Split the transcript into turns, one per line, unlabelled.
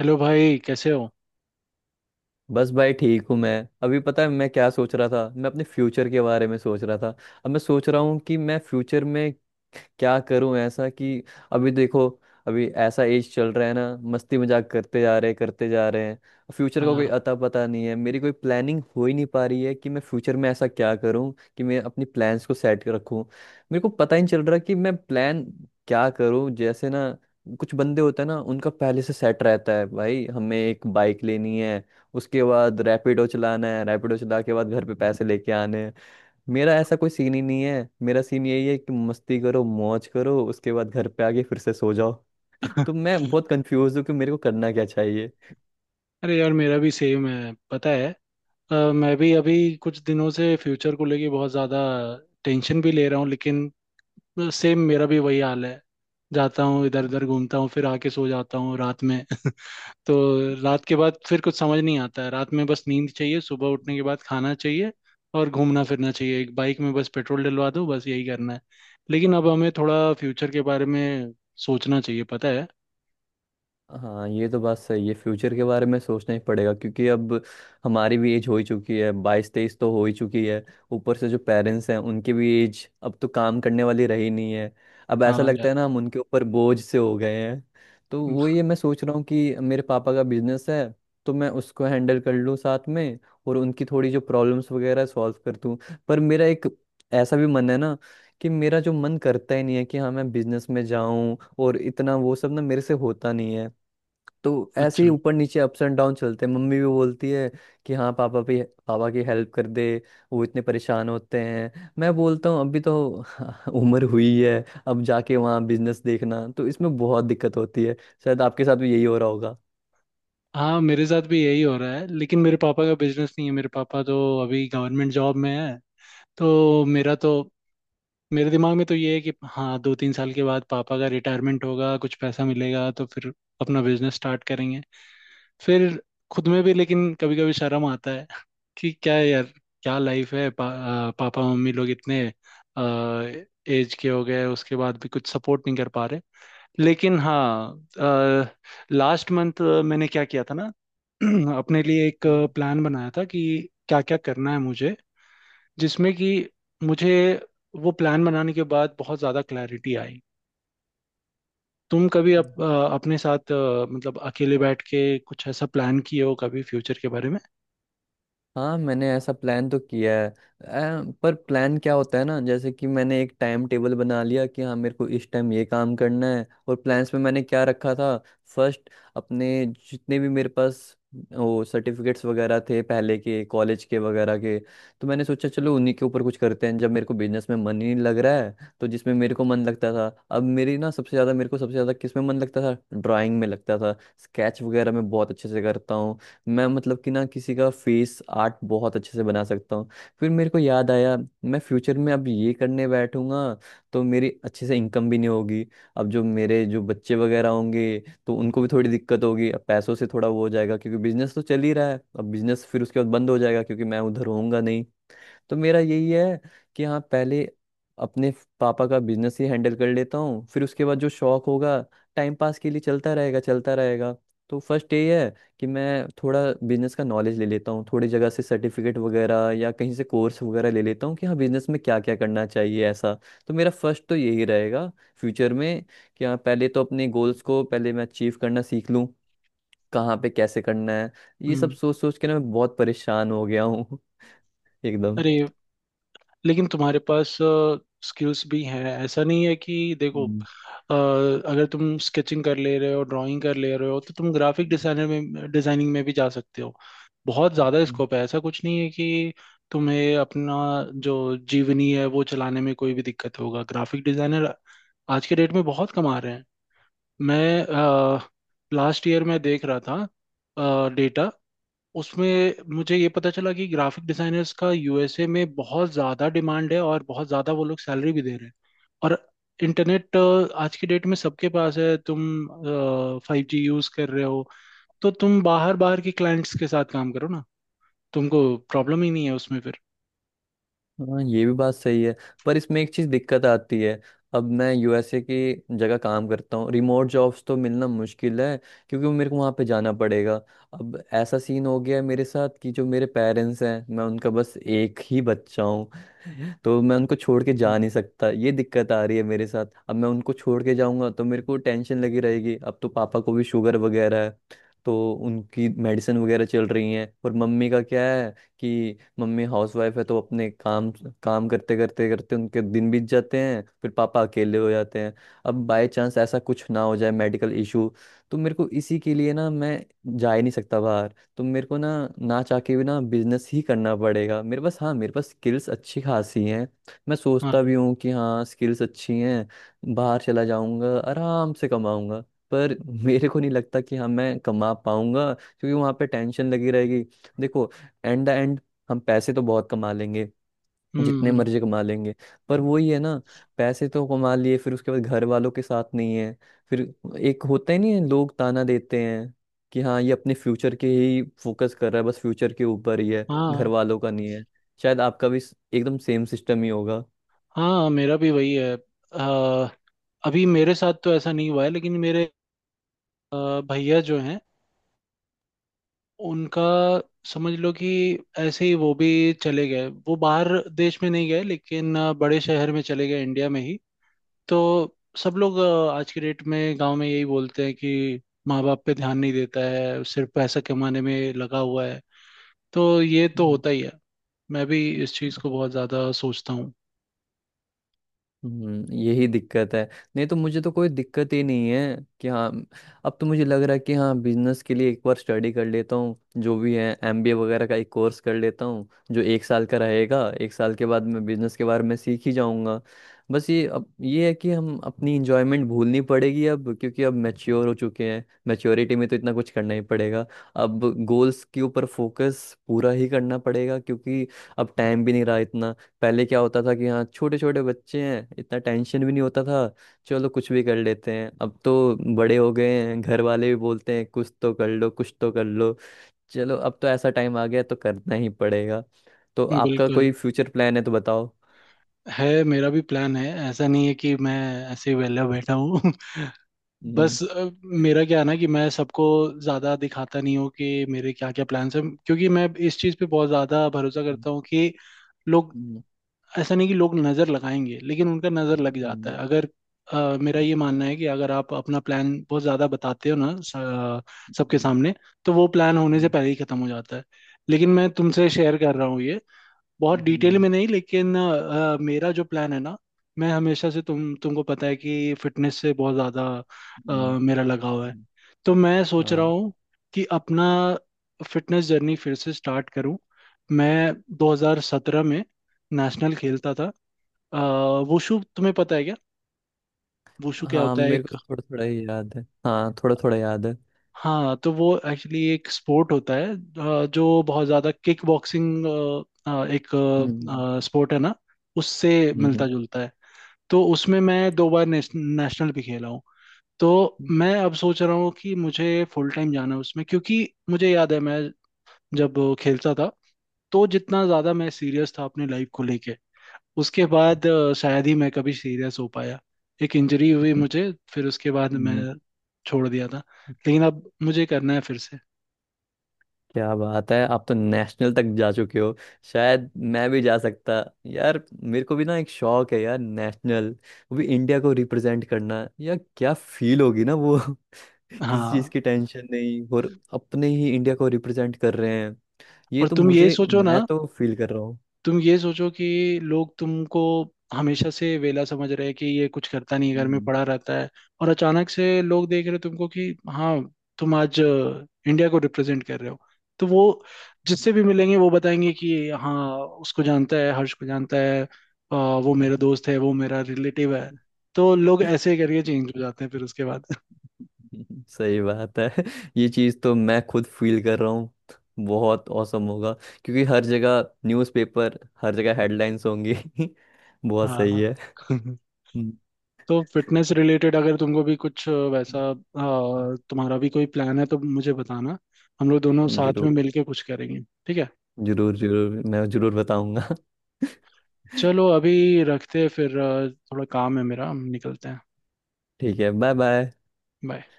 Hello भाई कैसे हो।
बस भाई ठीक हूँ मैं। अभी पता है मैं क्या सोच रहा था। मैं अपने फ्यूचर के बारे में सोच रहा था। अब मैं सोच रहा हूँ कि मैं फ्यूचर में क्या करूं ऐसा कि अभी देखो, अभी ऐसा एज चल रहा है ना। मस्ती मजाक करते जा रहे हैं, करते जा रहे हैं। फ्यूचर का कोई
हाँ।
अता पता नहीं है। मेरी कोई प्लानिंग हो ही नहीं पा रही है कि मैं फ्यूचर में ऐसा क्या करूं कि मैं अपनी प्लान्स को सेट कर रखूं। मेरे को पता ही नहीं चल रहा कि मैं प्लान क्या करूं जैसे ना। कुछ बंदे होते हैं ना, उनका पहले से सेट रहता है, भाई हमें एक बाइक लेनी है, उसके बाद रैपिडो चलाना है, रैपिडो चला के बाद घर पे पैसे लेके आने हैं। मेरा ऐसा कोई सीन ही नहीं है। मेरा सीन यही है कि मस्ती करो, मौज करो, उसके बाद घर पे आके फिर से सो जाओ। तो मैं बहुत कंफ्यूज हूँ कि मेरे को करना क्या चाहिए।
अरे यार मेरा भी सेम है पता है। मैं भी अभी कुछ दिनों से फ्यूचर को लेके बहुत ज़्यादा टेंशन भी ले रहा हूँ। लेकिन सेम मेरा भी वही हाल है। जाता हूँ इधर उधर घूमता हूँ फिर आके सो जाता हूँ रात में। तो रात के बाद फिर कुछ समझ नहीं आता है। रात में बस नींद चाहिए, सुबह उठने के बाद खाना चाहिए और घूमना फिरना चाहिए। एक बाइक में बस पेट्रोल डलवा दो, बस यही करना है। लेकिन अब हमें थोड़ा फ्यूचर के बारे में सोचना चाहिए पता है।
हाँ, ये तो बात सही है, फ्यूचर के बारे में सोचना ही पड़ेगा क्योंकि अब हमारी भी एज हो ही चुकी है। बाईस तेईस तो हो ही चुकी है। ऊपर से जो पेरेंट्स हैं उनकी भी एज अब तो काम करने वाली रही नहीं है। अब
हाँ
ऐसा लगता
यार।
है ना, हम उनके ऊपर बोझ से हो गए हैं। तो वो ये मैं सोच रहा हूँ कि मेरे पापा का बिजनेस है तो मैं उसको हैंडल कर लूँ साथ में, और उनकी थोड़ी जो प्रॉब्लम्स वगैरह सॉल्व कर दूँ। पर मेरा एक ऐसा भी मन है ना कि मेरा जो मन करता ही नहीं है कि हाँ मैं बिजनेस में जाऊं, और इतना वो सब ना मेरे से होता नहीं है। तो ऐसे
अच्छा।
ही ऊपर नीचे अप्स एंड डाउन चलते हैं। मम्मी भी बोलती है कि हाँ पापा की हेल्प कर दे, वो इतने परेशान होते हैं। मैं बोलता हूँ अभी तो उम्र हुई है। अब जाके वहाँ बिजनेस देखना तो इसमें बहुत दिक्कत होती है। शायद आपके साथ भी यही हो रहा होगा।
हाँ मेरे साथ भी यही हो रहा है, लेकिन मेरे पापा का बिजनेस नहीं है। मेरे पापा तो अभी गवर्नमेंट जॉब में है। तो मेरा तो मेरे दिमाग में तो ये है कि हाँ, दो तीन साल के बाद पापा का रिटायरमेंट होगा, कुछ पैसा मिलेगा तो फिर अपना बिजनेस स्टार्ट करेंगे फिर खुद में भी। लेकिन कभी कभी शर्म आता है कि क्या है यार। क्या लाइफ है। पापा मम्मी लोग इतने एज के हो गए, उसके बाद भी कुछ सपोर्ट नहीं कर पा रहे। लेकिन हाँ, लास्ट मंथ मैंने क्या किया था ना, अपने लिए एक प्लान बनाया था कि क्या क्या करना है मुझे, जिसमें कि मुझे वो प्लान बनाने के बाद बहुत ज़्यादा क्लैरिटी आई। तुम कभी
हम्म,
अपने साथ मतलब अकेले बैठ के कुछ ऐसा प्लान किए हो कभी फ्यूचर के बारे में?
हाँ, मैंने ऐसा प्लान तो किया है। पर प्लान क्या होता है ना, जैसे कि मैंने एक टाइम टेबल बना लिया कि हाँ मेरे को इस टाइम ये काम करना है। और प्लान्स में मैंने क्या रखा था, फर्स्ट अपने जितने भी मेरे पास वो सर्टिफिकेट्स वगैरह थे पहले के, कॉलेज के वगैरह के, तो मैंने सोचा चलो उन्हीं के ऊपर कुछ करते हैं। जब मेरे को बिजनेस में मन ही नहीं लग रहा है तो जिसमें मेरे को मन लगता था, अब मेरी ना सबसे ज़्यादा मेरे को सबसे ज़्यादा किस में मन लगता था, ड्राइंग में लगता था। स्केच वगैरह मैं बहुत अच्छे से करता हूँ। मैं मतलब कि ना किसी का फेस आर्ट बहुत अच्छे से बना सकता हूँ। फिर मेरे को याद आया मैं फ्यूचर में अब ये करने बैठूंगा तो मेरी अच्छे से इनकम भी नहीं होगी। अब जो बच्चे वगैरह होंगे तो उनको भी थोड़ी दिक्कत होगी। अब पैसों से थोड़ा वो हो जाएगा क्योंकि बिजनेस तो चल ही रहा है। अब बिजनेस फिर उसके बाद बंद हो जाएगा क्योंकि मैं उधर होऊंगा नहीं। तो मेरा यही है कि हाँ पहले अपने पापा का बिजनेस ही हैंडल कर लेता हूँ, फिर उसके बाद जो शौक होगा टाइम पास के लिए चलता रहेगा, चलता रहेगा। तो फर्स्ट ये है कि मैं थोड़ा बिजनेस का नॉलेज ले लेता हूँ, थोड़ी जगह से सर्टिफिकेट वगैरह या कहीं से कोर्स वगैरह ले लेता हूँ कि हाँ बिजनेस में क्या क्या करना चाहिए ऐसा। तो मेरा फर्स्ट तो यही रहेगा फ्यूचर में, कि हाँ पहले तो अपने गोल्स को पहले मैं अचीव करना सीख लूँ, कहाँ पे कैसे करना है। ये सब
हम्म।
सोच सोच के ना मैं बहुत परेशान हो गया हूँ। एकदम।
अरे लेकिन तुम्हारे पास स्किल्स भी हैं। ऐसा नहीं है कि देखो, अगर तुम स्केचिंग कर ले रहे हो, ड्राइंग कर ले रहे हो, तो तुम ग्राफिक डिजाइनर में डिजाइनिंग में भी जा सकते हो। बहुत ज़्यादा स्कोप है। ऐसा कुछ नहीं है कि तुम्हें अपना जो जीवनी है वो चलाने में कोई भी दिक्कत होगा। ग्राफिक डिजाइनर आज के डेट में बहुत कमा रहे हैं। मैं लास्ट ईयर में देख रहा था डेटा, उसमें मुझे ये पता चला कि ग्राफिक डिजाइनर्स का यूएसए में बहुत ज़्यादा डिमांड है और बहुत ज़्यादा वो लोग सैलरी भी दे रहे हैं। और इंटरनेट आज की डेट में सबके पास है, तुम फाइव जी यूज़ कर रहे हो, तो तुम बाहर बाहर के क्लाइंट्स के साथ काम करो ना। तुमको प्रॉब्लम ही नहीं है उसमें फिर।
हाँ, ये भी बात सही है। पर इसमें एक चीज दिक्कत आती है। अब मैं यूएसए की जगह काम करता हूँ, रिमोट जॉब्स तो मिलना मुश्किल है क्योंकि मेरे को वहाँ पे जाना पड़ेगा। अब ऐसा सीन हो गया है मेरे साथ कि जो मेरे पेरेंट्स हैं मैं उनका बस एक ही बच्चा हूँ। तो मैं उनको छोड़ के जा
हम्म।
नहीं सकता, ये दिक्कत आ रही है मेरे साथ। अब मैं उनको छोड़ के जाऊंगा तो मेरे को टेंशन लगी रहेगी। अब तो पापा को भी शुगर वगैरह है तो उनकी मेडिसिन वगैरह चल रही है। और मम्मी का क्या है कि मम्मी हाउसवाइफ है तो अपने काम काम करते करते करते उनके दिन बीत जाते हैं, फिर पापा अकेले हो जाते हैं। अब बाय चांस ऐसा कुछ ना हो जाए, मेडिकल इशू, तो मेरे को इसी के लिए ना मैं जा ही नहीं सकता बाहर। तो मेरे को ना ना चाह के भी ना बिजनेस ही करना पड़ेगा। मेरे पास, हाँ, मेरे पास स्किल्स अच्छी खासी हैं। मैं सोचता
हाँ।
भी हूँ कि हाँ स्किल्स अच्छी हैं, बाहर चला जाऊंगा आराम से कमाऊंगा। पर मेरे को नहीं लगता कि हाँ मैं कमा पाऊंगा क्योंकि वहां पे टेंशन लगी रहेगी। देखो, एंड द एंड हम पैसे तो बहुत कमा लेंगे, जितने
हम्म।
मर्जी कमा लेंगे। पर वही है ना, पैसे तो कमा लिए फिर उसके बाद घर वालों के साथ नहीं है। फिर एक होता ही नहीं है, लोग ताना देते हैं कि हाँ ये अपने फ्यूचर के ही फोकस कर रहा है, बस फ्यूचर के ऊपर ही है, घर
हाँ
वालों का नहीं है। शायद आपका भी एकदम सेम सिस्टम ही होगा।
हाँ मेरा भी वही है। अभी मेरे साथ तो ऐसा नहीं हुआ है, लेकिन मेरे भैया जो हैं उनका समझ लो कि ऐसे ही वो भी चले गए। वो बाहर देश में नहीं गए, लेकिन बड़े शहर में चले गए इंडिया में ही। तो सब लोग आज की डेट में गांव में यही बोलते हैं कि माँ बाप पे ध्यान नहीं देता है, सिर्फ पैसा कमाने में लगा हुआ है। तो ये तो होता ही है। मैं भी इस चीज़ को बहुत ज़्यादा सोचता हूँ।
यही दिक्कत है, नहीं तो मुझे तो कोई दिक्कत ही नहीं है कि हाँ। अब तो मुझे लग रहा है कि हाँ बिजनेस के लिए एक बार स्टडी कर लेता हूँ, जो भी है एमबीए वगैरह का एक कोर्स कर लेता हूँ जो एक साल का रहेगा। एक साल के बाद मैं बिजनेस के बारे में सीख ही जाऊँगा। बस ये अब ये है कि हम अपनी इंजॉयमेंट भूलनी पड़ेगी अब, क्योंकि अब मैच्योर हो चुके हैं, मैच्योरिटी में तो इतना कुछ करना ही पड़ेगा। अब गोल्स के ऊपर फोकस पूरा ही करना पड़ेगा क्योंकि अब टाइम भी नहीं रहा इतना। पहले क्या होता था कि हाँ छोटे छोटे बच्चे हैं, इतना टेंशन भी नहीं होता था, चलो कुछ भी कर लेते हैं। अब तो बड़े हो गए हैं, घर वाले भी बोलते हैं कुछ तो कर लो, कुछ तो कर लो। चलो, अब तो ऐसा टाइम आ गया तो करना ही पड़ेगा। तो आपका
बिल्कुल
कोई फ्यूचर प्लान है तो बताओ।
है मेरा भी प्लान है। ऐसा नहीं है कि मैं ऐसे ही वेला बैठा हूँ।
हम्म,
बस मेरा क्या है ना कि मैं सबको ज़्यादा दिखाता नहीं हूँ कि मेरे क्या क्या प्लान्स हैं, क्योंकि मैं इस चीज़ पे बहुत ज़्यादा भरोसा करता हूँ कि लोग,
हम्म,
ऐसा नहीं कि लोग नज़र लगाएंगे, लेकिन उनका नज़र लग जाता
हम्म,
है। अगर मेरा ये मानना है कि अगर आप अपना प्लान बहुत ज़्यादा बताते हो ना सबके
हम्म,
सामने, तो वो प्लान होने से
हम्म,
पहले ही ख़त्म हो जाता है। लेकिन मैं तुमसे शेयर कर रहा हूँ ये, बहुत
हम्म,
डिटेल
हम्म,
में नहीं, लेकिन मेरा जो प्लान है ना, मैं हमेशा से तुमको पता है कि फिटनेस से बहुत ज़्यादा
हम्म।
मेरा लगाव है।
हम्म।
तो मैं सोच रहा
हाँ,
हूँ कि अपना फिटनेस जर्नी फिर से स्टार्ट करूँ। मैं 2017 में नेशनल खेलता था। अ, वुशु तुम्हें पता है क्या वुशु क्या
हाँ,
होता है
मेरे
एक।
को थोड़ा थोड़ा ही याद है। हाँ, थोड़ा थोड़ा याद है।
हाँ तो वो एक्चुअली एक स्पोर्ट होता है, जो बहुत ज़्यादा किक बॉक्सिंग एक
हम्म,
स्पोर्ट है ना उससे
हम्म,
मिलता जुलता है। तो उसमें मैं दो बार नेशनल भी खेला हूँ। तो मैं अब सोच रहा हूँ कि मुझे फुल टाइम जाना है उसमें, क्योंकि मुझे याद है मैं जब खेलता था तो जितना ज़्यादा मैं सीरियस था अपने लाइफ को लेके, उसके बाद शायद ही मैं कभी सीरियस हो पाया। एक इंजरी हुई
हम्म,
मुझे, फिर उसके बाद मैं
हम्म।
छोड़ दिया था। लेकिन अब मुझे करना है फिर से।
क्या बात है, आप तो नेशनल तक जा चुके हो। शायद मैं भी जा सकता। यार मेरे को भी ना एक शौक है यार, नेशनल, वो भी इंडिया को रिप्रेजेंट करना यार, क्या फील होगी ना वो। किसी
हाँ
चीज़ की टेंशन नहीं और अपने ही इंडिया को रिप्रेजेंट कर रहे हैं। ये
और
तो
तुम ये
मुझे,
सोचो
मैं
ना,
तो फील कर रहा हूँ।
तुम ये सोचो कि लोग तुमको हमेशा से वेला समझ रहे हैं कि ये कुछ करता नहीं है, घर में
हम्म,
पड़ा रहता है, और अचानक से लोग देख रहे हैं तुमको कि हाँ तुम आज इंडिया को रिप्रेजेंट कर रहे हो। तो वो जिससे भी मिलेंगे वो बताएंगे कि हाँ उसको जानता है, हर्ष को जानता है, वो मेरा दोस्त है, वो मेरा रिलेटिव है। तो लोग ऐसे करके चेंज हो जाते हैं फिर उसके बाद।
सही बात है। ये चीज़ तो मैं खुद फील कर रहा हूँ। बहुत औसम होगा क्योंकि हर जगह न्यूज़पेपर, हर जगह हेडलाइंस होंगी। बहुत
हाँ।
सही है। हम्म,
तो फिटनेस रिलेटेड अगर तुमको भी कुछ तुम्हारा भी कोई प्लान है तो मुझे बताना। हम लोग दोनों साथ में
जरूर।
मिलके कुछ करेंगे। ठीक है
जरूर जरूर, मैं जरूर बताऊंगा।
चलो अभी रखते हैं, फिर थोड़ा काम है मेरा, हम निकलते हैं।
ठीक है, बाय बाय।
बाय।